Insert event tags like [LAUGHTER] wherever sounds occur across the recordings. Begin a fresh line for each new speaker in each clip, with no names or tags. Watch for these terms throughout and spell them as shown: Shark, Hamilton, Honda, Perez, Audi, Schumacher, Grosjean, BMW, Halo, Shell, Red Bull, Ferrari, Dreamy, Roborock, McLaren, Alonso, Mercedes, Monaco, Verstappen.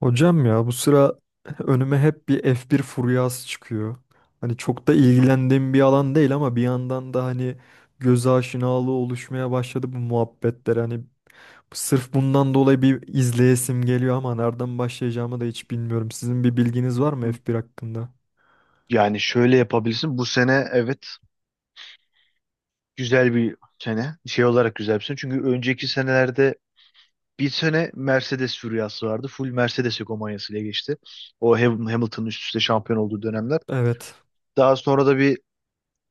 Hocam ya bu sıra önüme hep bir F1 furyası çıkıyor. Hani çok da ilgilendiğim bir alan değil ama bir yandan da hani göz aşinalığı oluşmaya başladı bu muhabbetler. Hani sırf bundan dolayı bir izleyesim geliyor ama nereden başlayacağımı da hiç bilmiyorum. Sizin bir bilginiz var mı F1 hakkında?
Yani şöyle yapabilirsin. Bu sene, evet, güzel bir sene. Şey olarak güzel bir sene. Çünkü önceki senelerde bir sene Mercedes furyası vardı. Full Mercedes hegemonyasıyla geçti. O Hamilton'ın üst üste şampiyon olduğu dönemler.
Evet.
Daha sonra da bir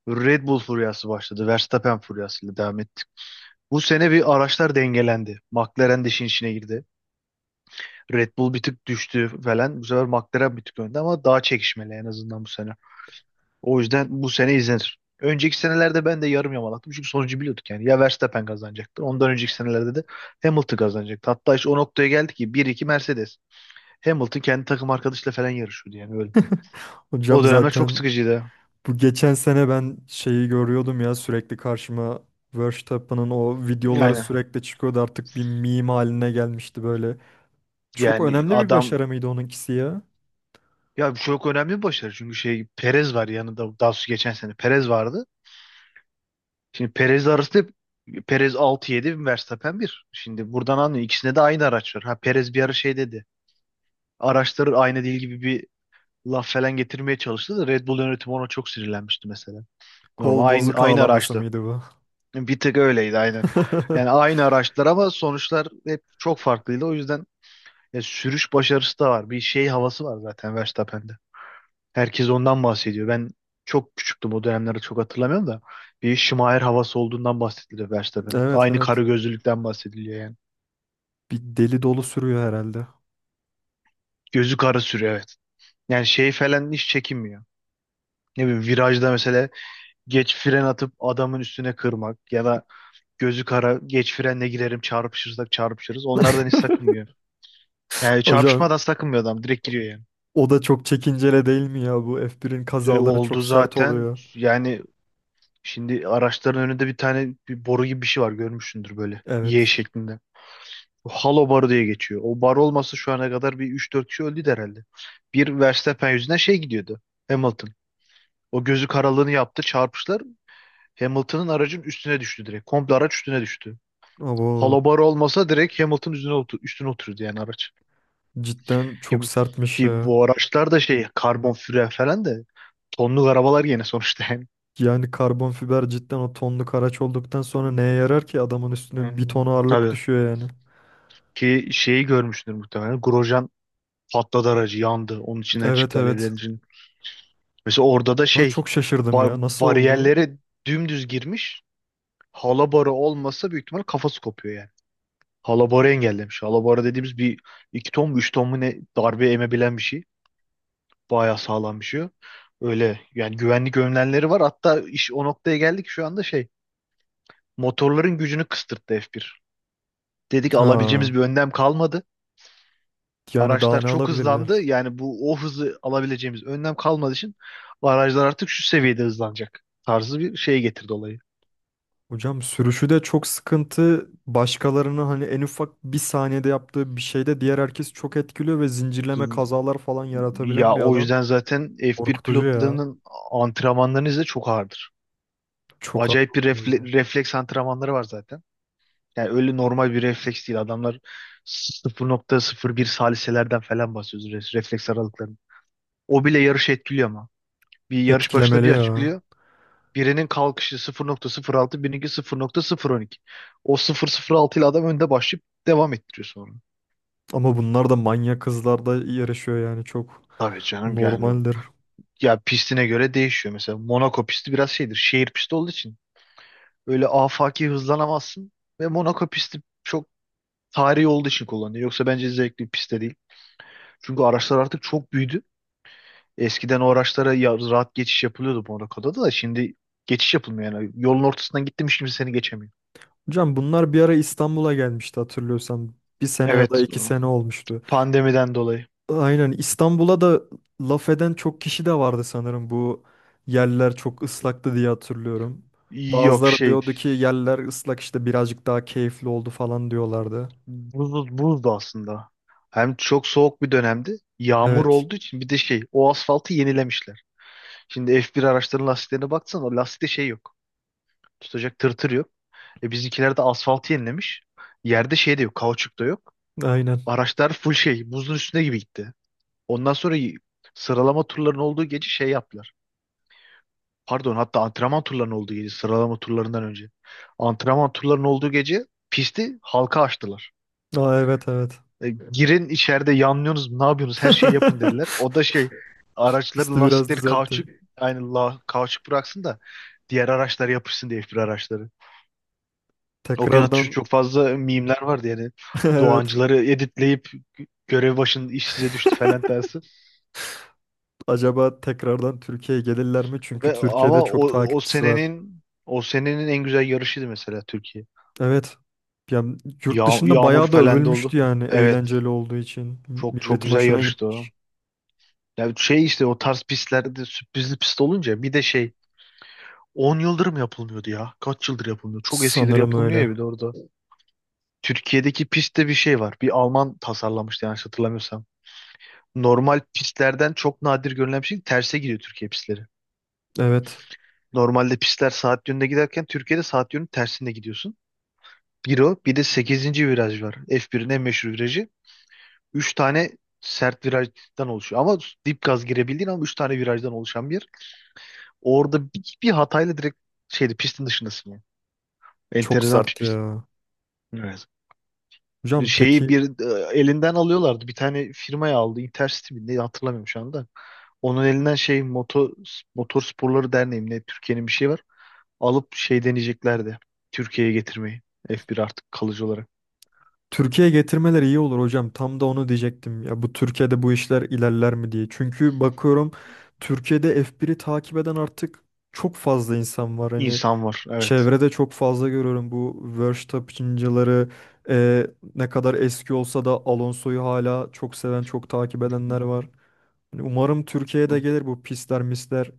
Red Bull furyası başladı. Verstappen furyasıyla devam ettik. Bu sene bir araçlar dengelendi. McLaren de işin içine girdi. Red Bull bir tık düştü falan. Bu sefer McLaren bir tık önde ama daha çekişmeli en azından bu sene. O yüzden bu sene izlenir. Önceki senelerde ben de yarım yamalaktım. Çünkü sonucu biliyorduk yani. Ya Verstappen kazanacaktı. Ondan önceki senelerde de Hamilton kazanacaktı. Hatta işte o noktaya geldi ki bir iki Mercedes. Hamilton kendi takım arkadaşıyla falan yarışıyordu yani öyle. O
Hocam
dönemler çok
zaten
sıkıcıydı.
bu geçen sene ben şeyi görüyordum ya sürekli karşıma Verstappen'ın o videoları
Aynen.
sürekli çıkıyordu artık bir meme haline gelmişti böyle. Çok
Yani
önemli bir
adam,
başarı mıydı onunkisi ya?
ya bu çok önemli bir başarı. Çünkü şey, Perez var yanında. Daha sonra geçen sene Perez vardı. Şimdi Perez arasında Perez 6, yedi, Verstappen bir. Şimdi buradan anlıyor. İkisinde de aynı araç var. Ha Perez bir ara şey dedi. Araçları aynı değil gibi bir laf falan getirmeye çalıştı da Red Bull yönetimi ona çok sinirlenmişti mesela. Normal
Kol
aynı
bozuk
aynı
ağlaması
araçtı.
mıydı bu?
Bir tık öyleydi, aynen. Yani
[LAUGHS]
aynı araçlar ama sonuçlar hep çok farklıydı. O yüzden ya, sürüş başarısı da var. Bir şey havası var zaten Verstappen'de. Herkes ondan bahsediyor. Ben çok küçüktüm, o dönemleri çok hatırlamıyorum da. Bir Schumacher havası olduğundan bahsediliyor Verstappen'in.
Evet,
Aynı
evet.
karı gözlülükten bahsediliyor yani.
Bir deli dolu sürüyor herhalde.
Gözü kara sürüyor, evet. Yani şey falan hiç çekinmiyor. Ne bileyim, virajda mesela geç fren atıp adamın üstüne kırmak ya da gözü kara, geç frenle girerim, çarpışırsak çarpışırız. Onlardan hiç
[LAUGHS]
sakınmıyor. Yani
Hocam
çarpışmadan sakınmıyor adam, direkt giriyor yani.
o da çok çekincele değil mi ya? Bu F1'in kazaları
Oldu
çok sert
zaten.
oluyor.
Yani şimdi araçların önünde bir tane bir boru gibi bir şey var, görmüşsündür böyle. Y
Evet.
şeklinde. O Halo barı diye geçiyor. O bar olmasa şu ana kadar bir üç dört kişi öldü herhalde. Bir Verstappen yüzünden şey gidiyordu. Hamilton. O gözü karalığını yaptı, çarpışlar. Hamilton'ın aracın üstüne düştü direkt. Komple araç üstüne düştü.
Abo,
Halo barı olmasa direkt Hamilton üstüne, otur üstüne otururdu yani araç.
cidden
Ki,
çok sertmiş
ki
ya.
bu araçlar da şey, karbon füre falan da tonluk arabalar gene sonuçta yani.
Yani karbon fiber cidden o tonluk araç olduktan sonra neye yarar ki adamın üstüne bir ton ağırlık
Tabii
düşüyor yani.
ki şeyi görmüştür muhtemelen. Grosjean patladı, aracı yandı. Onun içinden
Evet,
çıktı
evet.
alevlerin için. Mesela orada da
Ona
şey,
çok şaşırdım
bar
ya. Nasıl oldu?
bariyerlere dümdüz girmiş. Halabarı olmasa büyük ihtimal kafası kopuyor yani. Halabarı engellemiş. Halabarı dediğimiz bir 2 ton mu 3 ton mu ne darbe emebilen bir şey. Bayağı sağlam bir şey o. Öyle yani, güvenlik önlemleri var. Hatta iş o noktaya geldik, şu anda şey, motorların gücünü kıstırttı F1. Dedi ki alabileceğimiz
Ha.
bir önlem kalmadı.
Yani daha
Araçlar
ne
çok
alabilirler?
hızlandı. Yani bu o hızı alabileceğimiz önlem kalmadığı için araçlar artık şu seviyede hızlanacak tarzı bir şey getirdi olayı.
Hocam sürüşü de çok sıkıntı. Başkalarını hani en ufak bir saniyede yaptığı bir şeyde diğer herkes çok etkiliyor ve zincirleme
Hız-
kazalar falan yaratabilen
Ya
bir
o
adam.
yüzden zaten F1
Korkutucu ya.
pilotlarının antrenmanlarını izle, çok ağırdır.
Çok haklı
Acayip bir
hocam.
refleks antrenmanları var zaten. Yani öyle normal bir refleks değil. Adamlar sıfır sıfır nokta sıfır bir saliselerden falan bahsediyoruz refleks aralıklarını. O bile yarışı etkiliyor ama. Bir yarış başında
Etkilemeli
bir
ya.
açıklıyor. Birinin kalkışı 0,06, birininki 0,012. O 0,06 ile adam önde başlayıp devam ettiriyor sonra.
Ama bunlar da manyak kızlarda yarışıyor yani çok
Tabii canım, yani
normaldir.
ya pistine göre değişiyor. Mesela Monaco pisti biraz şeydir. Şehir pisti olduğu için öyle afaki hızlanamazsın ve Monaco pisti çok tarihi olduğu için kullanılıyor. Yoksa bence zevkli bir pist de değil. Çünkü araçlar artık çok büyüdü. Eskiden o araçlara ya, rahat geçiş yapılıyordu Monaco'da, da şimdi geçiş yapılmıyor yani. Yolun ortasından gittim, hiç kimse seni geçemiyor.
Hocam bunlar bir ara İstanbul'a gelmişti hatırlıyorsan. Bir sene ya da
Evet,
iki sene olmuştu.
pandemiden dolayı.
Aynen, İstanbul'a da laf eden çok kişi de vardı sanırım, bu yerler çok ıslaktı diye hatırlıyorum.
Yok
Bazıları
şey,
diyordu ki yerler ıslak işte birazcık daha keyifli oldu falan diyorlardı.
buzdu aslında. Hem çok soğuk bir dönemdi. Yağmur
Evet.
olduğu için bir de şey, o asfaltı yenilemişler. Şimdi F1 araçların lastiklerine baksan o lastikte şey yok. Tutacak tırtır yok. E bizimkiler de asfaltı yenilemiş. Yerde şey de yok. Kauçuk da yok.
Aynen.
Araçlar full şey, buzun üstüne gibi gitti. Ondan sonra sıralama turlarının olduğu gece şey yaptılar. Pardon, hatta antrenman turlarının olduğu gece, sıralama turlarından önce. Antrenman turlarının olduğu gece pisti halka açtılar.
Aa, evet, evet.
E, girin içeride yanlıyorsunuz ne yapıyorsunuz her şeyi yapın, dediler. O
[LAUGHS]
da şey, araçların
Pisti biraz
lastikleri
düzeltin.
kauçuk aynı la, kauçuk bıraksın da diğer araçlar yapışsın diye F1 araçları. O gün atış
Tekrardan.
çok fazla mimler vardı yani.
[LAUGHS] Evet.
Doğancıları editleyip görev başında iş size düştü falan
[LAUGHS]
tersi.
Acaba tekrardan Türkiye'ye gelirler mi? Çünkü
Ve
Türkiye'de
ama
çok
o
takipçisi var.
senenin o senenin en güzel yarışıydı mesela Türkiye.
Evet. Ya, yurt dışında
Yağmur
bayağı da
falan da oldu.
övülmüştü yani
Evet.
eğlenceli olduğu için.
Çok çok
Milletin
güzel
hoşuna
yarıştı
gitti.
o. Ya şey işte, o tarz pistlerde sürprizli pist olunca bir de şey, 10 yıldır mı yapılmıyordu ya? Kaç yıldır yapılmıyor? Çok eskidir
Sanırım
yapılmıyor
öyle.
ya bir de orada. Türkiye'deki pistte bir şey var. Bir Alman tasarlamıştı yanlış hatırlamıyorsam. Normal pistlerden çok nadir görülen bir şey. Terse gidiyor Türkiye pistleri.
Evet.
Normalde pistler saat yönünde giderken Türkiye'de saat yönü tersinde gidiyorsun. Bir o, bir de sekizinci viraj var. F1'in en meşhur virajı. 3 tane sert virajdan oluşuyor. Ama dip gaz girebildiğin ama 3 tane virajdan oluşan bir yer. Orada bir hatayla direkt şeydi, pistin dışındasın yani.
Çok
Enteresan bir
sert
pist.
ya.
Evet.
Hocam
Şeyi
peki,
bir, elinden alıyorlardı. Bir tane firmaya aldı. Intercity mi ne, hatırlamıyorum şu anda. Onun elinden şey, motor sporları derneği mi ne, Türkiye'nin bir şey var. Alıp şey deneyeceklerdi. Türkiye'ye getirmeyi. F1 artık kalıcı olarak.
Türkiye'ye getirmeleri iyi olur hocam. Tam da onu diyecektim. Ya bu Türkiye'de bu işler ilerler mi diye. Çünkü bakıyorum Türkiye'de F1'i takip eden artık çok fazla insan var. Hani
İnsan var, evet.
çevrede çok fazla görüyorum bu Verstappen'cıları, e, ne kadar eski olsa da Alonso'yu hala çok seven, çok takip edenler var. Hani umarım Türkiye'de gelir bu pisler misler,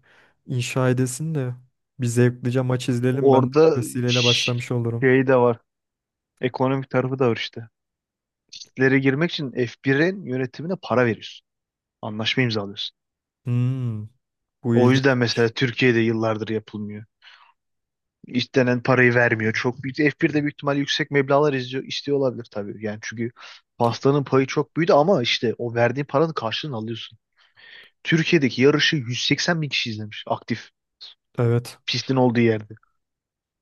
inşa edesin de bir zevklice maç izleyelim. Ben de bu
Orada
vesileyle
ş-
başlamış olurum.
şey de var. Ekonomik tarafı da var işte. Listelere girmek için F1'in yönetimine para veriyorsun. Anlaşma imzalıyorsun.
Hmm, bu
O yüzden mesela
ilginçmiş.
Türkiye'de yıllardır yapılmıyor. İstenen parayı vermiyor. Çok büyük. F1'de büyük ihtimal yüksek meblağlar izliyor, istiyor olabilir tabii. Yani çünkü pastanın payı çok büyüdü ama işte o verdiğin paranın karşılığını alıyorsun. Türkiye'deki yarışı 180 bin kişi izlemiş, aktif
Evet.
pistin olduğu yerde.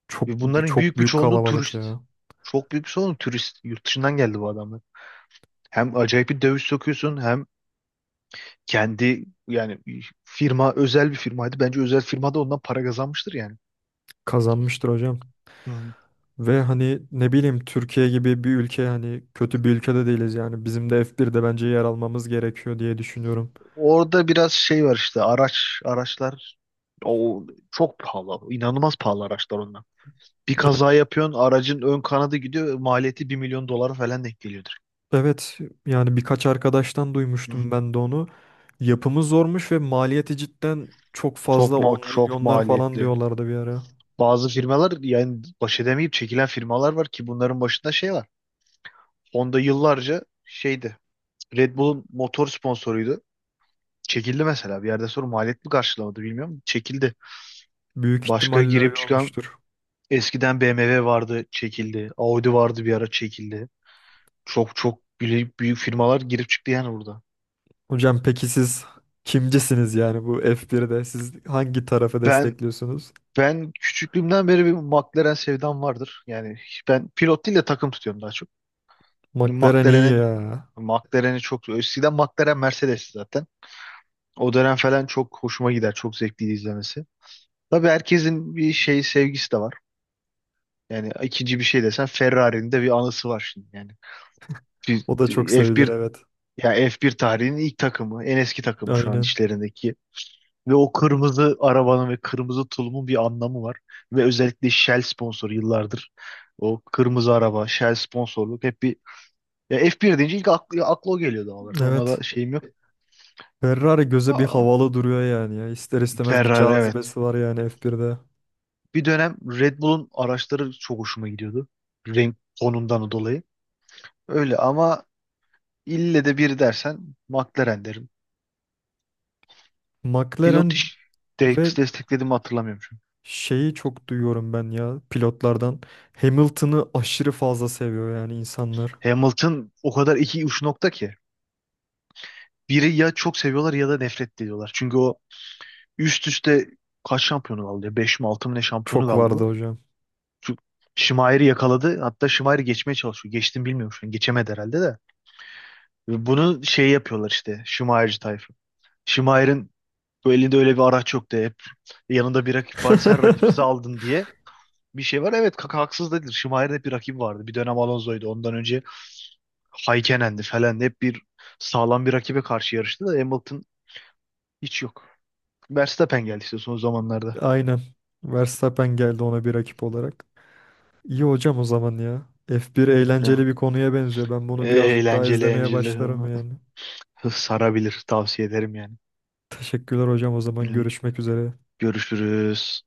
Çok
Ve bunların
çok
büyük bir
büyük
çoğunluğu
kalabalık
turist.
ya.
Çok büyük bir çoğunluğu turist. Yurt dışından geldi bu adamlar. Hem acayip bir döviz sokuyorsun, hem kendi yani firma, özel bir firmaydı. Bence özel firmada ondan para kazanmıştır yani.
Kazanmıştır hocam.
Hı.
Ve hani ne bileyim Türkiye gibi bir ülke, hani kötü bir ülkede değiliz yani. Bizim de F1'de bence yer almamız gerekiyor diye düşünüyorum.
Orada biraz şey var işte, araçlar, o çok pahalı. İnanılmaz pahalı araçlar onlar. Bir kaza yapıyorsun, aracın ön kanadı gidiyor. Maliyeti 1 milyon dolara falan denk geliyordur.
Evet, yani birkaç arkadaştan
Hı.
duymuştum ben de onu. Yapımı zormuş ve maliyeti cidden çok fazla,
Çok
10
çok
milyonlar falan
maliyetli.
diyorlardı bir ara.
Bazı firmalar yani baş edemeyip çekilen firmalar var ki bunların başında şey var. Honda yıllarca şeydi. Red Bull'un motor sponsoruydu. Çekildi mesela. Bir yerde sonra maliyet mi karşılamadı bilmiyorum. Çekildi.
Büyük
Başka
ihtimalle
girip
öyle
çıkan,
olmuştur.
eskiden BMW vardı çekildi. Audi vardı bir ara çekildi. Çok çok büyük, büyük firmalar girip çıktı yani burada.
Hocam peki siz kimcisiniz yani bu F1'de? Siz hangi tarafı
Ben
destekliyorsunuz?
ben küçüklüğümden beri bir McLaren sevdam vardır. Yani ben pilot değil de takım tutuyorum daha çok.
McLaren iyi
McLaren'e
ya.
McLaren'i, çok eskiden McLaren Mercedes zaten. O dönem falan çok hoşuma gider. Çok zevkliydi izlemesi. Tabii herkesin bir şey sevgisi de var. Yani ikinci bir şey desen Ferrari'nin de bir anısı var şimdi yani. Bir-
O da çok sevilir,
F1,
evet.
ya F1 tarihinin ilk takımı, en eski takımı şu an
Aynen.
işlerindeki. Ve o kırmızı arabanın ve kırmızı tulumun bir anlamı var. Ve özellikle Shell sponsoru yıllardır. O kırmızı araba, Shell sponsorluk hep bir... Ya F1 deyince ilk aklı o geliyor doğal olarak. Ona
Evet.
da şeyim yok.
Ferrari göze bir
Aa,
havalı duruyor yani ya. İster istemez bir
Ferrari, evet.
cazibesi var yani F1'de.
Bir dönem Red Bull'un araçları çok hoşuma gidiyordu. Renk tonundan dolayı. Öyle ama ille de biri dersen McLaren derim.
McLaren.
Pilot iş
Ve
desteklediğimi hatırlamıyorum şu an.
şeyi çok duyuyorum ben ya pilotlardan. Hamilton'ı aşırı fazla seviyor yani insanlar.
Hamilton o kadar iki uç nokta ki. Biri ya çok seviyorlar ya da nefret ediyorlar. Çünkü o üst üste kaç şampiyonu kaldı ya? Beş mi 6 mı ne şampiyonu
Çok
kaldı
vardı
bu?
hocam.
Şu Şimayer'i yakaladı. Hatta Şimayer'i geçmeye çalışıyor. Geçtim, bilmiyorum şu an. Geçemedi herhalde de. Ve bunu şey yapıyorlar işte. Şimayerci tayfa. Şimayer'in bu elinde öyle bir araç yoktu. Hep yanında bir rakip vardı. Sen rakipsiz
[LAUGHS]
aldın diye bir şey var. Evet, kaka haksız değildir. Şimayer'in hep bir rakibi vardı. Bir dönem Alonso'ydu. Ondan önce Haykenen'di falan. Hep bir sağlam bir rakibe karşı yarıştı da Hamilton hiç yok. Verstappen geldi işte son zamanlarda.
Aynen. Verstappen geldi ona bir rakip olarak. İyi hocam o zaman ya. F1
Ne?
eğlenceli bir konuya benziyor. Ben bunu birazcık daha
Eğlenceli,
izlemeye
eğlenceli.
başlarım yani.
Sarabilir, tavsiye ederim yani.
Teşekkürler hocam, o zaman
Hı.
görüşmek üzere.
Görüşürüz.